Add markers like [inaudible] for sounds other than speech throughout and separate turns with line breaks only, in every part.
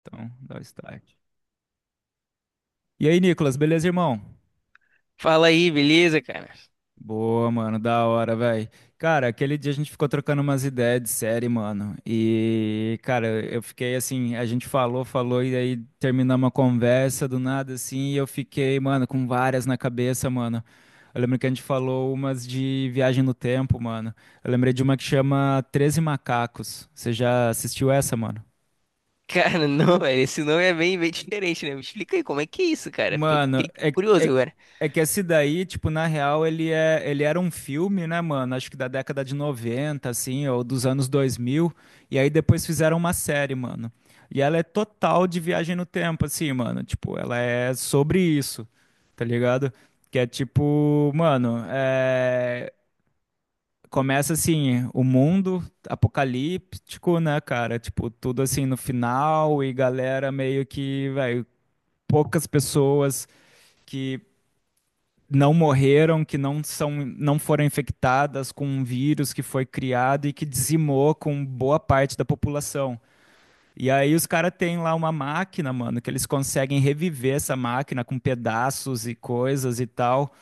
Então, dá o start. E aí, Nicolas, beleza, irmão?
Fala aí, beleza, cara? [laughs]
Boa, mano, da hora, velho. Cara, aquele dia a gente ficou trocando umas ideias de série, mano. E, cara, eu fiquei assim, a gente falou, falou, e aí terminou uma conversa do nada, assim, e eu fiquei, mano, com várias na cabeça, mano. Eu lembro que a gente falou umas de viagem no tempo, mano. Eu lembrei de uma que chama Treze Macacos. Você já assistiu essa, mano?
Cara, não, velho, esse nome é bem, bem diferente, né? Me explica aí como é que é isso, cara? Fiquei,
Mano,
fiquei curioso
é,
agora.
é que esse daí, tipo, na real, ele era um filme, né, mano? Acho que da década de 90 assim, ou dos anos 2000. E aí depois fizeram uma série, mano. E ela é total de viagem no tempo, assim, mano. Tipo, ela é sobre isso, tá ligado? Que é tipo, mano, começa assim, o mundo apocalíptico, né, cara? Tipo, tudo assim no final e galera meio que, velho, poucas pessoas que não morreram, que não são, não foram infectadas com um vírus que foi criado e que dizimou com boa parte da população. E aí os caras têm lá uma máquina, mano, que eles conseguem reviver essa máquina com pedaços e coisas e tal.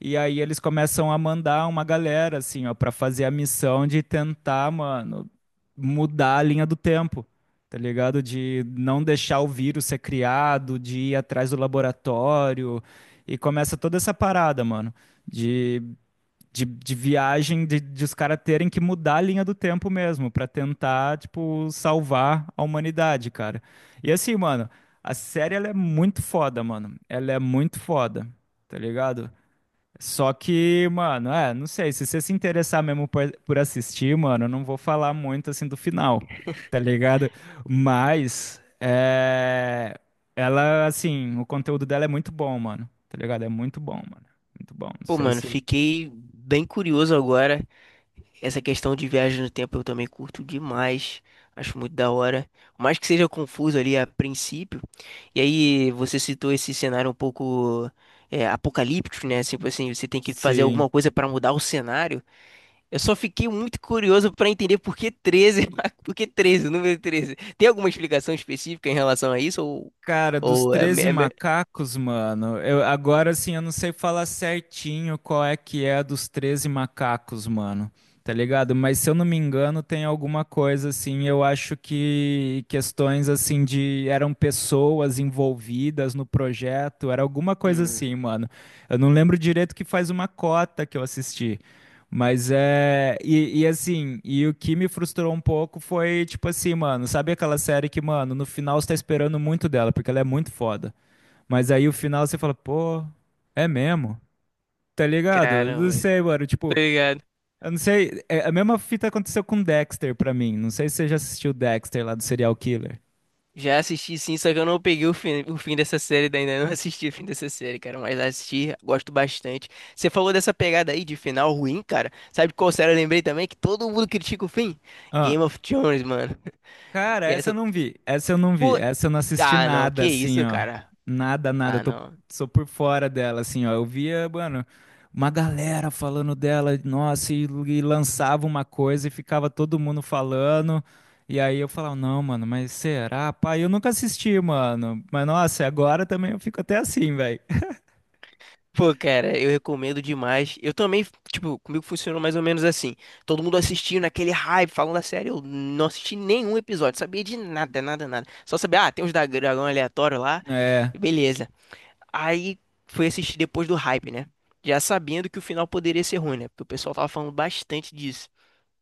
E aí eles começam a mandar uma galera, assim, ó, pra fazer a missão de tentar, mano, mudar a linha do tempo, tá ligado? De não deixar o vírus ser criado, de ir atrás do laboratório. E começa toda essa parada, mano, de, de viagem, de os caras terem que mudar a linha do tempo mesmo, pra tentar, tipo, salvar a humanidade, cara. E assim, mano, a série, ela é muito foda, mano. Ela é muito foda, tá ligado? Só que, mano, é, não sei, se você se interessar mesmo por assistir, mano, eu não vou falar muito assim do final, tá ligado? Mas, é, ela, assim, o conteúdo dela é muito bom, mano, tá ligado? É muito bom, mano, muito bom. Não
Pô,
sei
mano,
se,
fiquei bem curioso agora. Essa questão de viagem no tempo eu também curto demais. Acho muito da hora. Por mais que seja confuso ali a princípio. E aí, você citou esse cenário um pouco apocalíptico, né? Assim, tipo assim, você tem que fazer
se
alguma coisa pra mudar o cenário. Eu só fiquei muito curioso para entender por que 13, [laughs] por que 13, o número 13. Tem alguma explicação específica em relação a isso? Ou,
Cara, dos
ou é, me-
treze
é, me-
macacos, mano, eu, agora assim eu não sei falar certinho qual é que é a dos treze macacos, mano, tá ligado? Mas se eu não me engano, tem alguma coisa assim, eu acho que questões assim de eram pessoas envolvidas no projeto, era alguma coisa
Hum,
assim, mano. Eu não lembro direito que faz uma cota que eu assisti. Mas é. E assim, e o que me frustrou um pouco foi, tipo assim, mano, sabe aquela série que, mano, no final você tá esperando muito dela, porque ela é muito foda. Mas aí o final você fala, pô, é mesmo? Tá ligado? Eu
caramba,
não
velho.
sei, mano. Tipo,
Obrigado.
eu não sei. A mesma fita aconteceu com Dexter pra mim. Não sei se você já assistiu Dexter lá do Serial Killer.
Já assisti sim, só que eu não peguei o fim dessa série, daí ainda não assisti o fim dessa série, cara, mas assisti, gosto bastante. Você falou dessa pegada aí de final ruim, cara. Sabe qual série eu lembrei também? Que todo mundo critica o fim? Game of Thrones, mano.
Cara,
E
essa eu
essa.
não vi. Essa eu não vi.
Pô,
Essa eu não assisti
ah, não,
nada,
que
assim,
isso,
ó.
cara.
Nada, nada. Eu
Ah,
tô,
não.
sou por fora dela, assim, ó. Eu via, mano, uma galera falando dela, nossa, e lançava uma coisa e ficava todo mundo falando. E aí eu falava, não, mano, mas será? Pai, eu nunca assisti, mano. Mas nossa, agora também eu fico até assim, velho. [laughs]
Pô, cara, eu recomendo demais. Eu também, tipo, comigo funcionou mais ou menos assim. Todo mundo assistindo naquele hype, falando da série. Eu não assisti nenhum episódio, sabia de nada, nada, nada. Só sabia, ah, tem uns dragão aleatório lá.
É,
Beleza. Aí fui assistir depois do hype, né? Já sabendo que o final poderia ser ruim, né? Porque o pessoal tava falando bastante disso.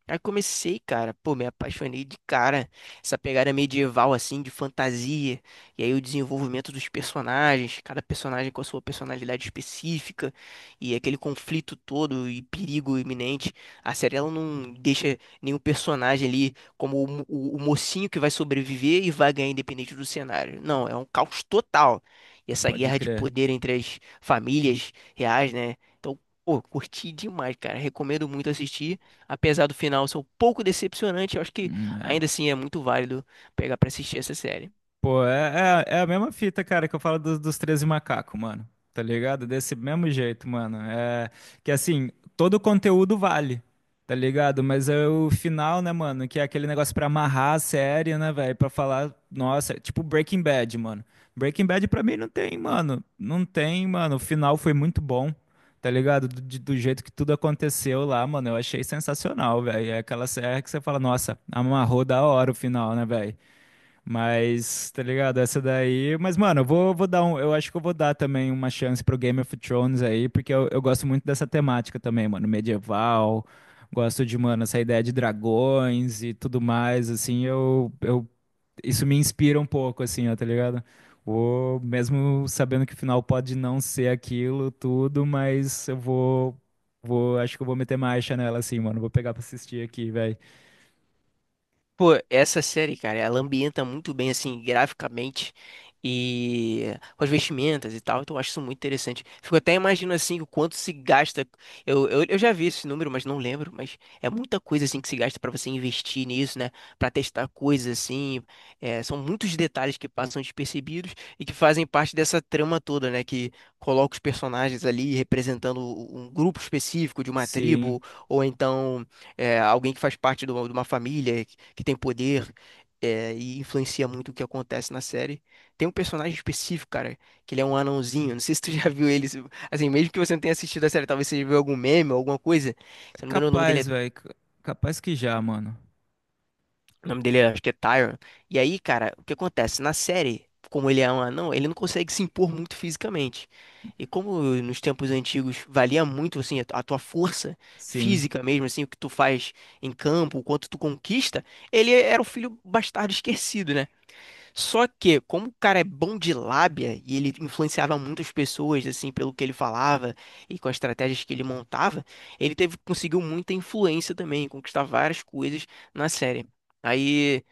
Aí comecei, cara, pô, me apaixonei de cara. Essa pegada medieval, assim, de fantasia. E aí o desenvolvimento dos personagens, cada personagem com a sua personalidade específica. E aquele conflito todo e perigo iminente. A série, ela não deixa nenhum personagem ali como o mocinho que vai sobreviver e vai ganhar independente do cenário. Não, é um caos total. E essa
pode
guerra de
crer.
poder entre as famílias reais, né? Então, pô, curti demais, cara. Recomendo muito assistir apesar do final ser um pouco decepcionante, eu acho que
Hum,
ainda assim é muito válido pegar pra assistir essa série.
Pô, é a mesma fita, cara, que eu falo dos 13 macacos, mano. Tá ligado? Desse mesmo jeito, mano. É que assim, todo o conteúdo vale, tá ligado? Mas é o final, né, mano? Que é aquele negócio pra amarrar a série, né, velho? Pra falar, nossa, é tipo Breaking Bad, mano. Breaking Bad pra mim não tem, mano. Não tem, mano. O final foi muito bom, tá ligado? Do jeito que tudo aconteceu lá, mano. Eu achei sensacional, velho. É aquela série que você fala, nossa, amarrou da hora o final, né, velho? Mas, tá ligado? Essa daí. Mas, mano, eu vou dar um. Eu acho que eu vou dar também uma chance pro Game of Thrones aí, porque eu gosto muito dessa temática também, mano. Medieval, gosto de, mano, essa ideia de dragões e tudo mais, assim, isso me inspira um pouco, assim, ó, tá ligado? Ou mesmo sabendo que o final pode não ser aquilo, tudo, mas acho que eu vou meter marcha nela, assim, mano. Vou pegar pra assistir aqui, velho.
Pô, essa série, cara, ela ambienta muito bem, assim, graficamente e com as vestimentas e tal, então eu acho isso muito interessante. Fico até imaginando, assim, o quanto se gasta. Eu já vi esse número, mas não lembro, mas é muita coisa, assim, que se gasta pra você investir nisso, né? Pra testar coisas, assim. São muitos detalhes que passam despercebidos e que fazem parte dessa trama toda, né? Que coloca os personagens ali representando um grupo específico de uma
Sim.
tribo ou então alguém que faz parte de uma família que tem poder e influencia muito o que acontece na série. Tem um personagem específico, cara, que ele é um anãozinho. Não sei se tu [laughs] já viu ele. Assim, mesmo que você não tenha assistido a série, talvez você já viu algum meme ou alguma coisa. Se eu não me engano, o nome dele
Capaz,
é
velho. Capaz que já, mano.
O nome dele acho que é Tyron. E aí, cara, o que acontece? Na série, como ele é um anão, ele não consegue se impor muito fisicamente. E como nos tempos antigos valia muito assim a a tua força
Sim,
física mesmo, assim, o que tu faz em campo, o quanto tu conquista, ele era o filho bastardo esquecido, né? Só que, como o cara é bom de lábia e ele influenciava muitas pessoas, assim, pelo que ele falava e com as estratégias que ele montava, conseguiu muita influência também, conquistar várias coisas na série. Aí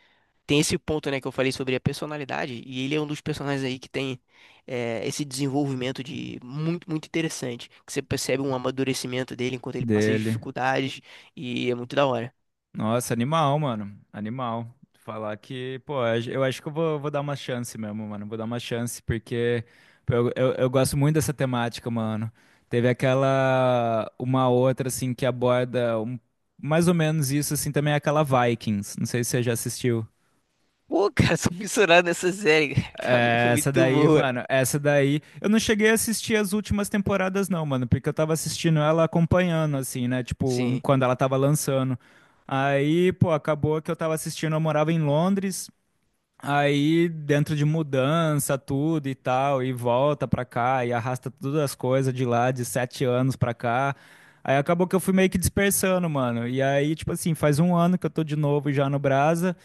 tem esse ponto, né, que eu falei sobre a personalidade, e ele é um dos personagens aí que tem esse desenvolvimento de muito, muito interessante, que você percebe um amadurecimento dele enquanto ele passa as
dele.
dificuldades, e é muito da hora.
Nossa, animal, mano. Animal. Falar que, pô, eu acho que eu vou dar uma chance mesmo, mano. Vou dar uma chance, porque pô, eu gosto muito dessa temática, mano. Teve aquela, uma outra, assim, que aborda mais ou menos isso, assim, também é aquela Vikings. Não sei se você já assistiu.
Pô, cara, [laughs] sou fissurado nessa série, cara, [laughs] tá
É, essa
muito
daí,
boa.
mano, essa daí. Eu não cheguei a assistir as últimas temporadas, não, mano, porque eu tava assistindo ela acompanhando, assim, né? Tipo,
Sim.
quando ela tava lançando. Aí, pô, acabou que eu tava assistindo, eu morava em Londres. Aí, dentro de mudança, tudo e tal, e volta pra cá, e arrasta todas as coisas de lá, de 7 anos pra cá. Aí acabou que eu fui meio que dispersando, mano. E aí, tipo assim, faz um ano que eu tô de novo já no Brasa.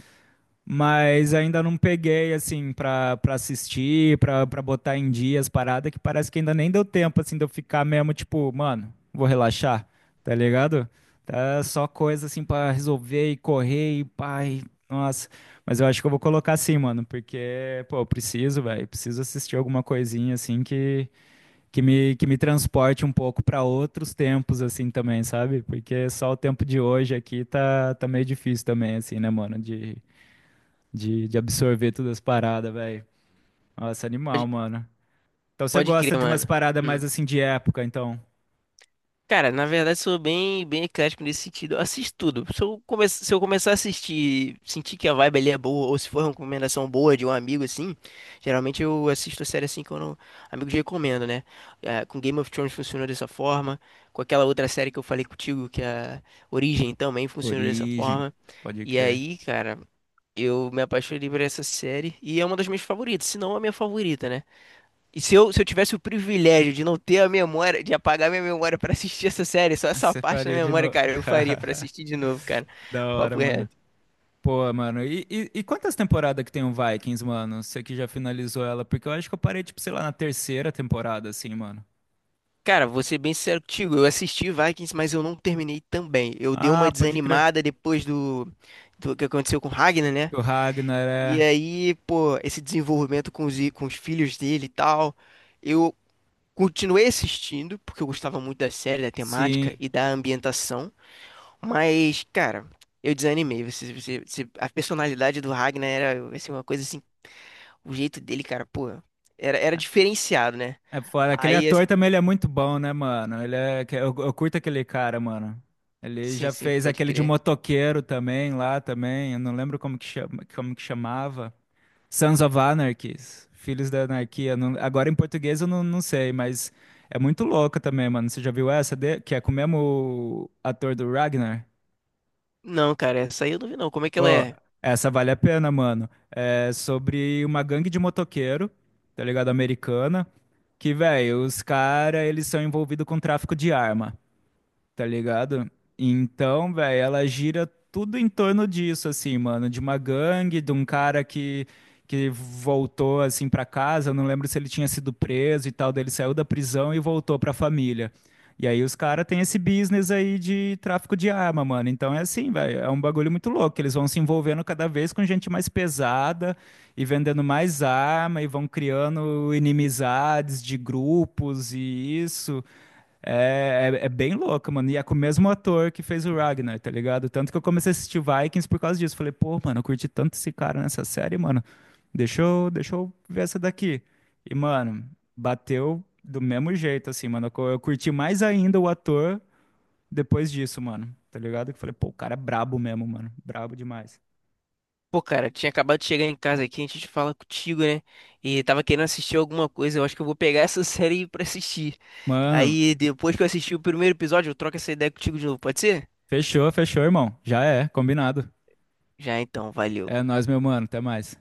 Mas ainda não peguei, assim, pra assistir, pra botar em dias parada, que parece que ainda nem deu tempo, assim, de eu ficar mesmo, tipo, mano, vou relaxar, tá ligado? Tá só coisa, assim, pra resolver e correr e pai, nossa. Mas eu acho que eu vou colocar assim, mano, porque, pô, eu preciso, velho, preciso assistir alguma coisinha, assim, que me transporte um pouco pra outros tempos, assim, também, sabe? Porque só o tempo de hoje aqui tá meio difícil também, assim, né, mano, de absorver todas as paradas, velho. Nossa, animal, mano. Então você
Pode crer,
gosta de umas
mano.
paradas
Hum.
mais assim de época, então.
Cara, na verdade sou bem, bem eclético nesse sentido. Eu assisto tudo. Se eu começar a assistir, sentir que a vibe ali é boa, ou se for uma recomendação boa de um amigo assim, geralmente eu assisto a série assim que eu não... amigos recomendo, né? É, com Game of Thrones funcionou dessa forma, com aquela outra série que eu falei contigo, que é a Origem também funcionou dessa
Origem,
forma.
pode
E
crer.
aí, cara, eu me apaixonei por essa série e é uma das minhas favoritas, se não a minha favorita, né? E se eu tivesse o privilégio de não ter a memória, de apagar minha memória pra assistir essa série, só
Ah,
essa
você
parte da
faria de
memória,
novo.
cara, eu faria pra
[laughs]
assistir de novo, cara.
Da hora,
Papo
mano.
reto.
Pô, mano, e quantas temporadas que tem o Vikings, mano? Você que já finalizou ela? Porque eu acho que eu parei, tipo, sei lá, na terceira temporada, assim, mano.
Cara, vou ser bem sincero contigo, eu assisti Vikings, mas eu não terminei também. Eu dei uma
Ah, pode crer.
desanimada depois do que aconteceu com Ragnar, né?
O Ragnar
E
é.
aí, pô, esse desenvolvimento com os, com os filhos dele e tal. Eu continuei assistindo, porque eu gostava muito da série, da temática
Sim.
e da ambientação. Mas, cara, eu desanimei. A personalidade do Ragnar era assim, uma coisa assim, o jeito dele, cara, pô, era diferenciado, né?
É foda. Aquele
Aí,
ator
assim,
também, ele é muito bom, né, mano? Eu curto aquele cara, mano. Ele
sim,
já
sim,
fez
pode
aquele de
crer.
motoqueiro também, lá também. Eu não lembro como que chama, como que chamava. Sons of Anarchies. Filhos da Anarquia. Agora em português eu não sei, mas é muito louca também, mano. Você já viu essa? Que é com o mesmo ator do Ragnar?
Não, cara, essa aí eu não vi não. Como é que ela
Ô,
é?
essa vale a pena, mano. É sobre uma gangue de motoqueiro, tá ligado? Americana. Que, velho, os caras, eles são envolvidos com tráfico de arma, tá ligado? Então, velho, ela gira tudo em torno disso, assim, mano, de uma gangue, de um cara que, voltou, assim, pra casa, eu não lembro se ele tinha sido preso e tal, daí ele saiu da prisão e voltou pra família. E aí os caras têm esse business aí de tráfico de arma, mano. Então é assim, velho, é um bagulho muito louco, que eles vão se envolvendo cada vez com gente mais pesada e vendendo mais arma e vão criando inimizades de grupos e isso. É bem louco, mano. E é com o mesmo ator que fez o Ragnar, tá ligado? Tanto que eu comecei a assistir Vikings por causa disso. Falei, pô, mano, eu curti tanto esse cara nessa série, mano. Deixa eu ver essa daqui. E, mano, bateu do mesmo jeito, assim, mano. Eu curti mais ainda o ator depois disso, mano. Tá ligado? Que falei, pô, o cara é brabo mesmo, mano. Brabo demais.
Pô, cara, tinha acabado de chegar em casa aqui, a gente fala contigo, né? E tava querendo assistir alguma coisa, eu acho que eu vou pegar [laughs] essa série pra assistir.
Mano,
Aí, depois que eu assistir o primeiro episódio, eu troco essa ideia contigo de novo, pode ser?
fechou, fechou, irmão. Já é, combinado.
Já então, valeu.
É nóis, meu mano. Até mais.